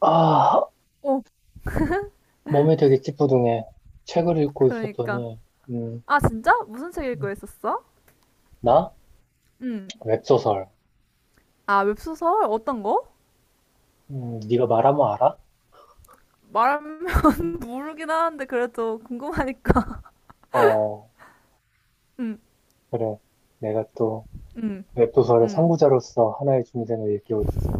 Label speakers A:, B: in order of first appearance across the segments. A: 아,
B: 어,
A: 몸이 되게 찌뿌둥해. 책을 읽고
B: 그러니까.
A: 있었더니, 음,
B: 아, 진짜? 무슨 책 읽고
A: 음.
B: 있었어?
A: 나?
B: 응.
A: 웹소설.
B: 아, 웹소설? 어떤 거?
A: 네가 말하면 알아?
B: 말하면 모르긴 하는데 그래도 궁금하니까.
A: 어,
B: 응,
A: 그래. 내가 또
B: 응,
A: 웹소설의
B: 응,
A: 선구자로서 하나의 중생을 일깨워주지.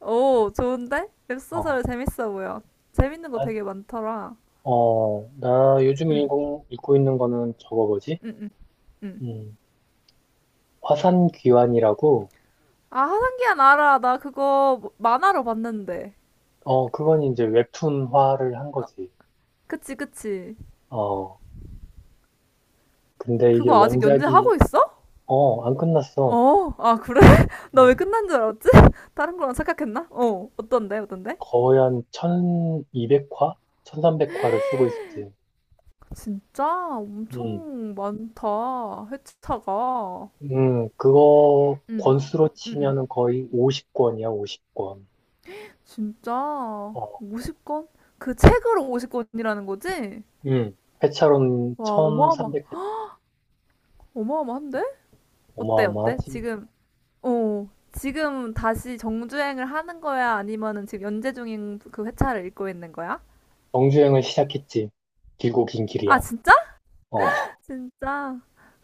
B: 오, 좋은데?
A: 어,
B: 웹소설 재밌어 보여. 재밌는 거
A: 나,
B: 되게 많더라.
A: 나 요즘
B: 응,
A: 읽고 있는 거는 저거 뭐지?
B: 응, 응, 응.
A: 음, 화산귀환이라고,
B: 아, 하상기한 알아. 나 그거 만화로 봤는데.
A: 그건 이제 웹툰화를 한
B: 어,
A: 거지.
B: 그치, 그치.
A: 어, 근데 이게
B: 그거 아직 연재하고 있어?
A: 안 끝났어.
B: 어, 아, 그래? 나 왜
A: 어,
B: 끝난 줄 알았지? 다른 거랑 착각했나? 어, 어떤데, 어떤데?
A: 거의 한 1200화? 1300화를 쓰고 있지.
B: 진짜
A: 음,
B: 엄청 많다. 회차가.
A: 그거
B: 응,
A: 권수로
B: 응, 응.
A: 치면은 거의 50권이야, 50권.
B: 진짜
A: 어,
B: 50권? 그 책으로 50권이라는 거지?
A: 음, 회차로는
B: 와, 어마어마,
A: 1300회.
B: 어마어마한데? 어때, 어때?
A: 어마어마하지.
B: 지금, 어, 지금 다시 정주행을 하는 거야? 아니면은 지금 연재 중인 그 회차를 읽고 있는 거야?
A: 정주행을 시작했지. 길고 긴
B: 아,
A: 길이야.
B: 진짜?
A: 어,
B: 진짜.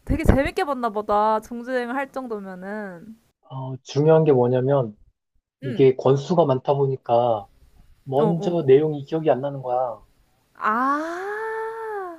B: 되게 재밌게 봤나 보다. 정주행을 할 정도면은.
A: 중요한 게 뭐냐면
B: 응,
A: 이게 권수가 많다 보니까
B: 어, 어.
A: 먼저 내용이 기억이 안 나는 거야.
B: 아.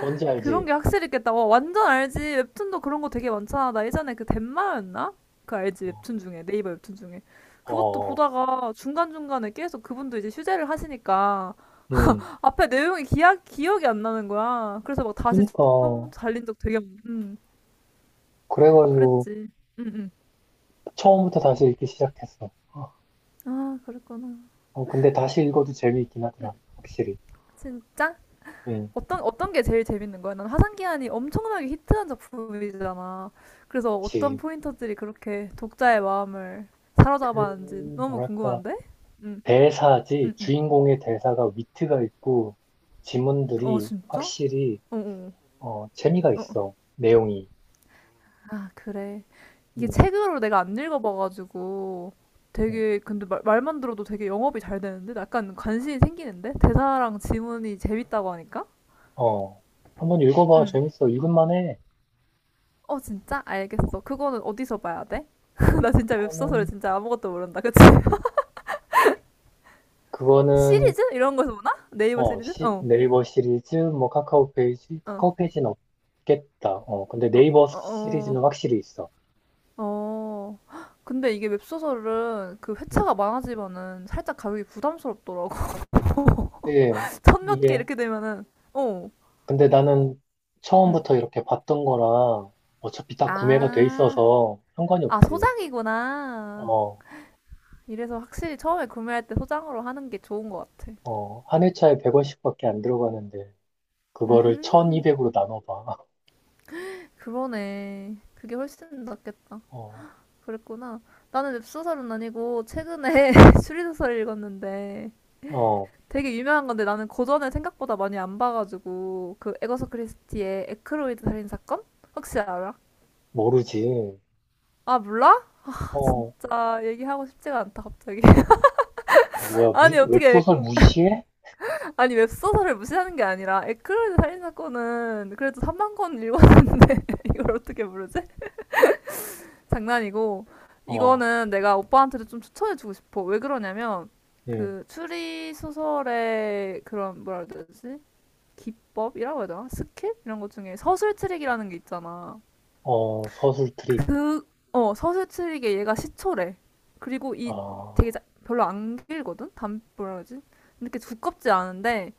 A: 뭔지
B: 그런
A: 알지?
B: 게 확실히 있겠다. 와, 완전 알지. 웹툰도 그런 거 되게 많잖아. 나 예전에 그 덴마였나? 그 알지.
A: 어,
B: 웹툰 중에. 네이버 웹툰 중에.
A: 어,
B: 그것도
A: 어.
B: 보다가 중간중간에 계속 그분도 이제 휴재를 하시니까
A: 음,
B: 앞에 내용이 기억이 안 나는 거야. 그래서 막 다시
A: 그니까.
B: 처음 달린 적 되게 많
A: 그래가지고
B: 그랬지. 응, 응.
A: 처음부터 다시 읽기 시작했어.
B: 아, 그랬구나.
A: 근데 다시 읽어도 재미있긴 하더라. 확실히.
B: 진짜?
A: 응,
B: 어떤 어떤 게 제일 재밌는 거야? 난 화산기한이 엄청나게 히트한 작품이잖아. 그래서 어떤
A: 그치.
B: 포인터들이 그렇게 독자의 마음을 사로잡았는지
A: 그,
B: 너무
A: 뭐랄까,
B: 궁금한데? 응,
A: 대사지,
B: 응, 응.
A: 주인공의 대사가 위트가 있고,
B: 어,
A: 지문들이
B: 진짜? 어,
A: 확실히,
B: 어,
A: 재미가
B: 어. 어.
A: 있어. 내용이.
B: 아, 그래. 이게
A: 응,
B: 책으로 내가 안 읽어봐가지고
A: 응.
B: 되게 근데 말만 들어도 되게 영업이 잘 되는데? 약간 관심이 생기는데? 대사랑 지문이 재밌다고 하니까?
A: 어, 한번 읽어봐.
B: 응.
A: 재밌어. 읽을만 해.
B: 어, 진짜?
A: 어,
B: 알겠어. 그거는 어디서 봐야 돼? 나 진짜 웹소설을
A: 그거는,
B: 진짜 아무것도 모른다. 그치?
A: 그거는,
B: 시리즈 이런 거에서 보나? 네이버 시리즈? 어,
A: 네이버 시리즈, 뭐, 카카오 페이지,
B: 어,
A: 카카오 페이지는 없겠다. 근데
B: 어,
A: 네이버
B: 어,
A: 시리즈는
B: 어,
A: 확실히 있어.
B: 어. 근데 이게 웹소설은 그
A: 응.
B: 회차가 많아지면은 살짝 가격이 부담스럽더라고.
A: 예,
B: 천몇 개
A: 이게,
B: 이렇게 되면은, 어,
A: 근데 나는
B: 음.
A: 처음부터 이렇게 봤던 거랑 어차피 다 구매가 돼
B: 아,
A: 있어서 상관이
B: 아,
A: 없지.
B: 소장이구나.
A: 어,
B: 이래서 확실히 처음에 구매할 때 소장으로 하는 게 좋은 것 같아.
A: 한 회차에 100원씩밖에 안 들어가는데, 그거를
B: 음,
A: 1200으로 나눠봐.
B: 그러네. 그게 훨씬 낫겠다.
A: 어,
B: 그랬구나. 나는 웹소설은 아니고 최근에 추리소설을 읽었는데
A: 어,
B: 되게 유명한 건데 나는 고전을 생각보다 많이 안 봐가지고 그 에거서 크리스티의 에크로이드 살인 사건 혹시 알아?
A: 모르지.
B: 아 몰라? 아,
A: 어,
B: 진짜 얘기하고 싶지가 않다 갑자기.
A: 뭐야,
B: 아니
A: 웹소설 무시해?
B: 아니 웹소설을 무시하는 게 아니라 에크로이드 살인 사건은 그래도 3만 권 읽었는데 이걸 어떻게 모르지? 장난이고
A: 어,
B: 이거는 내가 오빠한테도 좀 추천해주고 싶어. 왜 그러냐면
A: 응,
B: 그 추리 소설의 그런 뭐라 그러지? 기법이라고 해야 되나? 스킬? 이런 것 중에 서술 트릭이라는 게 있잖아.
A: 서술 트릭.
B: 그, 어, 서술 트릭에 얘가 시초래. 그리고 이
A: 아,
B: 되게 별로 안 길거든? 단, 뭐라 그러지? 이렇게 두껍지 않은데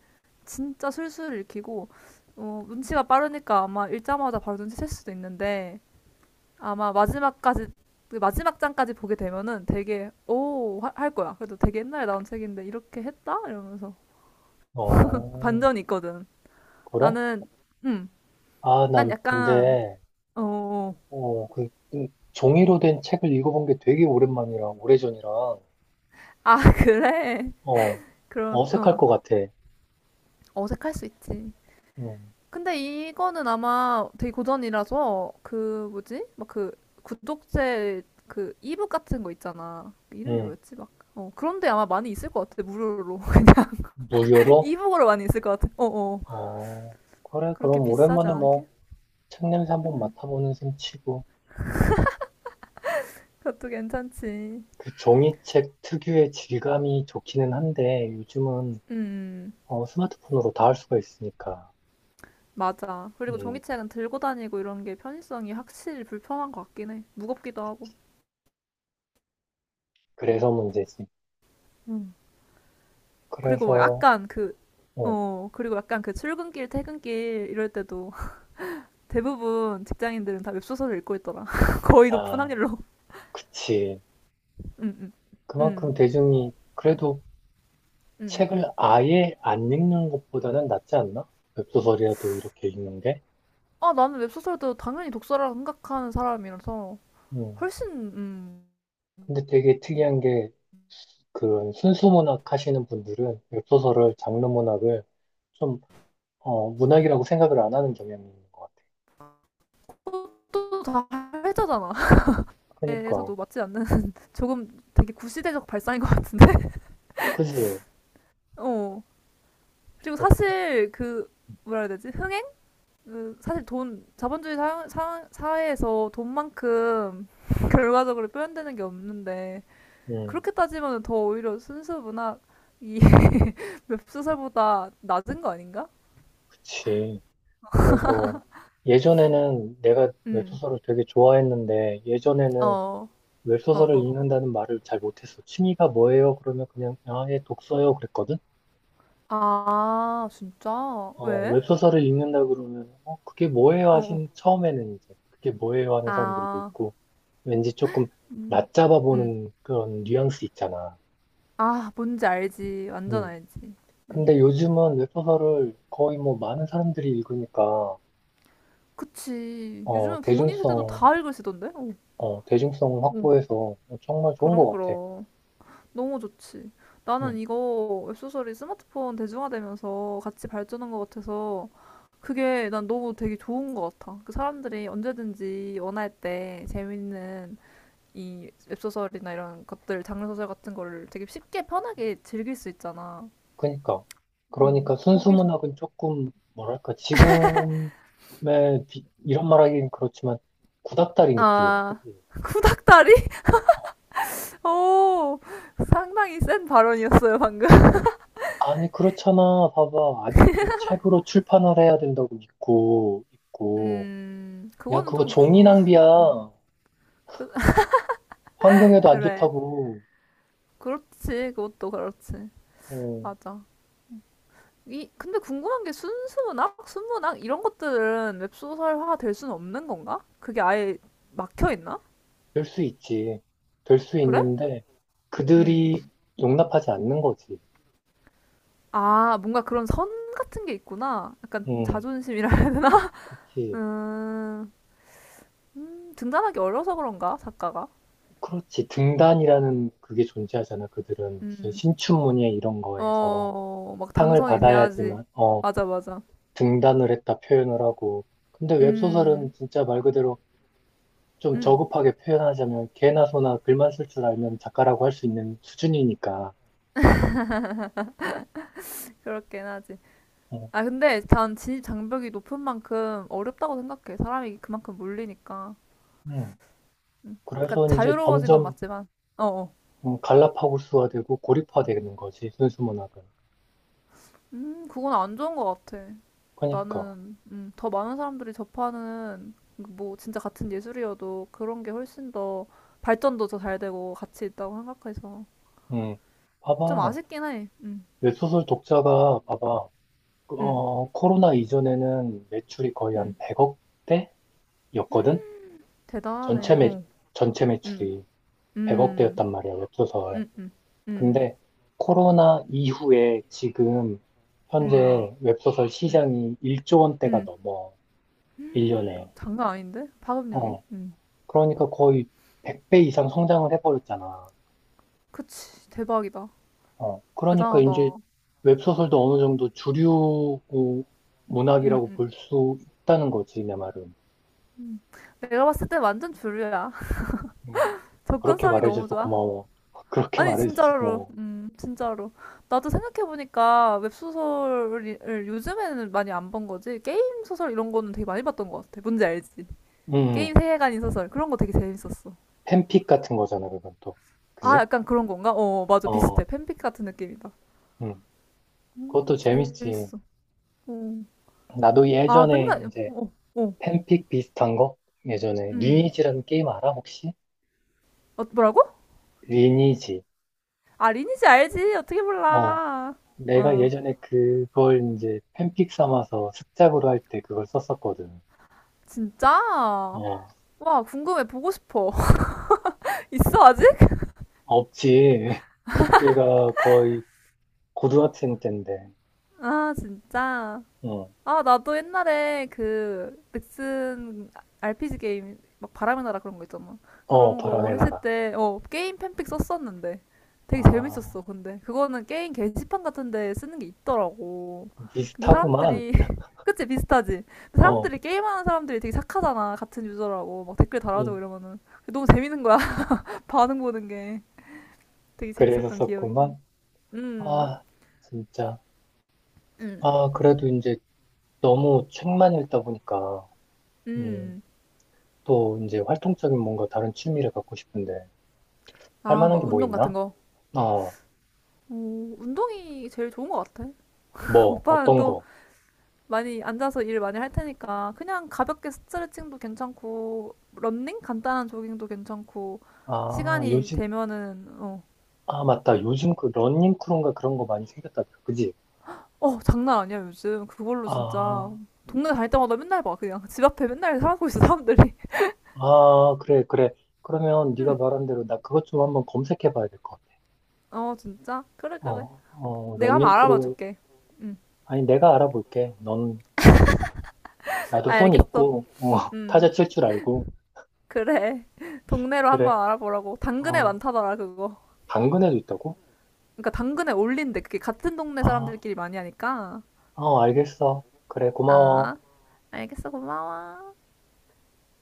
B: 진짜 술술 읽히고 어, 눈치가 빠르니까 아마 읽자마자 바로 눈치챌 수도 있는데 아마 마지막까지 그 마지막 장까지 보게 되면은 되게 할 거야. 그래도 되게 옛날에 나온 책인데 이렇게 했다 이러면서
A: 어,
B: 반전이 있거든.
A: 그래?
B: 나는 음,
A: 아,
B: 난
A: 난
B: 약간
A: 근데,
B: 어. 어.
A: 그 종이로 된 책을 읽어본 게 되게 오랜만이라, 오래전이라.
B: 아, 그래.
A: 어,
B: 그럼,
A: 어색할
B: 어.
A: 것 같아.
B: 어색할 수 있지.
A: 음,
B: 근데 이거는 아마 되게 고전이라서, 그, 뭐지? 막 그, 구독제, 그, 이북 같은 거 있잖아. 그 이름이
A: 음,
B: 뭐였지? 막, 어. 그런데 아마 많이 있을 것 같아, 무료로.
A: 무료로?
B: 이북으로 많이 있을 것 같아. 어, 어.
A: 어, 그래,
B: 그렇게
A: 그럼
B: 비싸지
A: 오랜만에
B: 않게?
A: 뭐, 책 냄새 한번
B: 음.
A: 맡아보는 셈 치고.
B: 그것도 괜찮지.
A: 그 종이책 특유의 질감이 좋기는 한데, 요즘은
B: 음. 음.
A: 스마트폰으로 다 할 수가 있으니까.
B: 맞아. 그리고
A: 음,
B: 종이책은 들고 다니고 이런 게 편의성이 확실히 불편한 것 같긴 해. 무겁기도 하고.
A: 그래서 문제지.
B: 그리고 막
A: 그래서,
B: 약간 그,
A: 어,
B: 어, 그리고 약간 그 출근길, 퇴근길 이럴 때도 대부분 직장인들은 다 웹소설을 읽고 있더라. 거의 높은
A: 아,
B: 확률로.
A: 그치.
B: 응, 응,
A: 그만큼 대중이
B: 응,
A: 그래도
B: 응.
A: 책을 아예 안 읽는 것보다는 낫지 않나? 웹소설이라도 이렇게 읽는 게?
B: 아, 나는 웹소설도 당연히 독서라 생각하는 사람이라서
A: 음,
B: 훨씬, 음,
A: 근데 되게 특이한 게, 그런 순수 문학 하시는 분들은 웹소설을 장르 문학을 좀, 문학이라고 생각을 안 하는 경향이 있는 것 같아.
B: 그것도 다 회자잖아.
A: 그니까,
B: 에서도 맞지 않는 조금 되게 구시대적 발상인 것 같은데?
A: 그지?
B: 어. 그리고
A: 어떻게,
B: 사실 그, 뭐라 해야 되지? 흥행? 그 사실 돈, 자본주의 사회에서 돈만큼 결과적으로 표현되는 게 없는데
A: 음,
B: 그렇게 따지면 더 오히려 순수 문학이 웹소설보다 낮은 거 아닌가?
A: 그치. 그래서 예전에는 내가
B: 음.
A: 웹소설을 되게 좋아했는데, 예전에는
B: 어. 어,
A: 웹소설을
B: 어.
A: 읽는다는 말을 잘 못했어. 취미가 뭐예요? 그러면 그냥, 아, 예, 독서요. 그랬거든?
B: 아, 진짜? 왜?
A: 웹소설을 읽는다 그러면, 그게 뭐예요?
B: 어, 어.
A: 하신, 처음에는 이제, 그게 뭐예요? 하는 사람들도
B: 아.
A: 있고, 왠지 조금
B: 음.
A: 낮잡아
B: 음.
A: 보는 그런 뉘앙스 있잖아.
B: 아, 뭔지 알지. 완전
A: 음.
B: 알지. 음.
A: 근데 요즘은 웹소설을 거의 뭐 많은 사람들이 읽으니까,
B: 그치.
A: 어,
B: 요즘은 부모님 세대도
A: 대중성,
B: 다 읽으시던데? 어.
A: 대중성을
B: 어.
A: 확보해서 정말 좋은
B: 그럼
A: 것 같아.
B: 그럼. 너무 좋지. 나는
A: 음.
B: 이거 웹소설이 스마트폰 대중화되면서 같이 발전한 것 같아서 그게 난 너무 되게 좋은 것 같아. 그 사람들이 언제든지 원할 때 재밌는 이 웹소설이나 이런 것들, 장르소설 같은 거를 되게 쉽게 편하게 즐길 수 있잖아.
A: 그니까. 그러니까
B: 거기서.
A: 순수문학은 조금, 뭐랄까, 지금의, 이런 말 하긴 그렇지만, 구닥다리 느낌이야.
B: 아, 구닥다리? 오, 상당히 센 발언이었어요, 방금.
A: 아니, 그렇잖아. 봐봐. 아직도 책으로 출판을 해야 된다고 믿고, 있고. 야,
B: 그거는
A: 그거
B: 좀
A: 종이
B: 구,
A: 낭비야.
B: 음, 그,
A: 환경에도 안
B: 그래.
A: 좋다고.
B: 그렇지, 그것도 그렇지.
A: 어,
B: 맞아. 이 근데 궁금한 게 순수문학, 순문학 이런 것들은 웹소설화가 될 수는 없는 건가? 그게 아예 막혀 있나?
A: 될 수 있지. 될 수
B: 그래?
A: 있는데,
B: 음.
A: 그들이 용납하지 않는 거지.
B: 아, 뭔가 그런 선 같은 게 있구나. 약간
A: 응,
B: 자존심이라 해야 되나?
A: 그치.
B: 음, 등단하기 어려서 그런가? 작가가?
A: 그렇지. 등단이라는 그게 존재하잖아. 그들은 무슨
B: 음.
A: 신춘문예 이런 거에서
B: 어, 막
A: 상을
B: 당선이 돼야지.
A: 받아야지만,
B: 맞아, 맞아.
A: 등단을 했다 표현을 하고. 근데
B: 음,
A: 웹소설은 진짜 말 그대로 좀
B: 음,
A: 저급하게 표현하자면 개나 소나 글만 쓸 줄 알면 작가라고 할 수 있는 수준이니까.
B: 그렇긴 하지.
A: 어,
B: 아, 근데 단 진입 장벽이 높은 만큼 어렵다고 생각해. 사람이 그만큼 몰리니까.
A: 음.
B: 음. 그러니까
A: 그래서 이제
B: 자유로워진 건
A: 점점
B: 맞지만, 어, 어.
A: 갈라파고스화 되고 고립화되는 거지, 순수 문학은.
B: 그건 안 좋은 것 같아.
A: 그러니까,
B: 나는, 더 많은 사람들이 접하는, 뭐, 진짜 같은 예술이어도 그런 게 훨씬 더 발전도 더 잘 되고 가치 있다고 생각해서.
A: 음,
B: 좀
A: 봐봐.
B: 아쉽긴 해.
A: 웹소설 독자가, 봐봐.
B: 음,
A: 코로나 이전에는 매출이 거의 한
B: 음.
A: 100억대였거든? 전체
B: 대단하네.
A: 매,
B: 어,
A: 전체
B: 음,
A: 매출이
B: 음,
A: 100억대였단 말이야, 웹소설.
B: 음, 음, 음,
A: 근데 코로나 이후에 지금
B: 음,
A: 현재 웹소설
B: 음,
A: 시장이 1조 원대가
B: 음.
A: 넘어, 1년에.
B: 장난 아닌데? 파급력이?
A: 어,
B: 음.
A: 그러니까 거의 100배 이상 성장을 해버렸잖아.
B: 그치. 대박이다.
A: 그러니까 이제
B: 대단하다.
A: 웹소설도 어느 정도 주류
B: 음,
A: 문학이라고
B: 음,
A: 볼 수 있다는 거지, 내 말은.
B: 음. 내가 봤을 때 완전 주류야.
A: 음, 그렇게
B: 접근성이 너무
A: 말해줘서
B: 좋아.
A: 고마워. 그렇게
B: 아니,
A: 말해줘서
B: 진짜로.
A: 고마워.
B: 진짜로. 나도 생각해보니까 웹소설을 요즘에는 많이 안 본 거지. 게임 소설 이런 거는 되게 많이 봤던 것 같아. 뭔지 알지?
A: 음,
B: 게임
A: 음.
B: 세계관인 소설. 그런 거 되게 재밌었어.
A: 팬픽 같은 거잖아, 그건 또.
B: 아,
A: 그지?
B: 약간 그런 건가? 어, 어, 맞아. 비슷해.
A: 어,
B: 팬픽 같은 느낌이다.
A: 음, 그것도 재밌지.
B: 재밌어. 어.
A: 나도
B: 아,
A: 예전에
B: 맨날,
A: 이제
B: 어, 어.
A: 팬픽 비슷한 거? 예전에
B: 음.
A: 리니지라는 게임 알아 혹시?
B: 어, 뭐라고?
A: 리니지.
B: 아, 리니지 알지? 어떻게
A: 어,
B: 몰라.
A: 내가
B: 어.
A: 예전에 그걸 이제 팬픽 삼아서 습작으로 할 때 그걸 썼었거든.
B: 진짜?
A: 어,
B: 와, 궁금해. 보고 싶어. 있어, 아직?
A: 없지. 그때가 거의 고등학생 때인데.
B: 아, 진짜.
A: 어,
B: 아, 나도 옛날에 그 넥슨 RPG 게임 막 바람의 나라 그런 거 있잖아.
A: 어,
B: 그런 거
A: 바람의
B: 했을
A: 나라.
B: 때, 어, 게임 팬픽 썼었는데. 되게
A: 아,
B: 재밌었어, 근데. 그거는 게임 게시판 같은 데 쓰는 게 있더라고. 근데
A: 비슷하구만.
B: 사람들이, 그치, 비슷하지? 근데
A: 어,
B: 사람들이, 게임하는 사람들이 되게 착하잖아. 같은 유저라고. 막 댓글 달아줘
A: 응.
B: 이러면은. 너무 재밌는 거야. 반응 보는 게. 되게
A: 그래서
B: 재밌었던 기억이 있네.
A: 썼구만.
B: 음,
A: 아, 진짜.
B: 음
A: 아, 그래도 이제 너무 책만 읽다 보니까. 음.
B: 음.
A: 또 이제 활동적인 뭔가 다른 취미를 갖고 싶은데 할
B: 아,
A: 만한 게
B: 막
A: 뭐
B: 운동
A: 있나?
B: 같은 거.
A: 어,
B: 오, 운동이 제일 좋은 것 같아.
A: 뭐
B: 오빠는
A: 어떤
B: 또
A: 거?
B: 많이 앉아서 일 많이 할 테니까 그냥 가볍게 스트레칭도 괜찮고 런닝 간단한 조깅도 괜찮고
A: 아,
B: 시간이
A: 요즘
B: 되면은 어,
A: 아 맞다. 요즘 그 러닝 크루인가 그런 거 많이 생겼다더라. 그지?
B: 어 장난 아니야 요즘 그걸로 진짜
A: 아,
B: 동네 다닐 때마다 맨날 봐 그냥 집 앞에 맨날 하고 있어 사람들이.
A: 아 그래 그래. 그러면 네가
B: 응,
A: 말한 대로 나 그것 좀 한번 검색해 봐야 될 것 같아.
B: 어 진짜 그래 그래. 내가 한번
A: 러닝
B: 알아봐
A: 크루.
B: 줄게. 응,
A: 아니, 내가 알아볼게. 넌, 음, 나도 손
B: 알겠어.
A: 있고
B: 응,
A: 타자 칠 줄 알고
B: 그래. 동네로
A: 그래.
B: 한번 알아보라고. 당근에
A: 어,
B: 많다더라 그거.
A: 당근에도 있다고?
B: 그러니까 당근에 올린대. 그게 같은 동네
A: 아,
B: 사람들끼리 많이 하니까.
A: 알겠어. 그래 고마워.
B: 아, 알겠어. 고마워.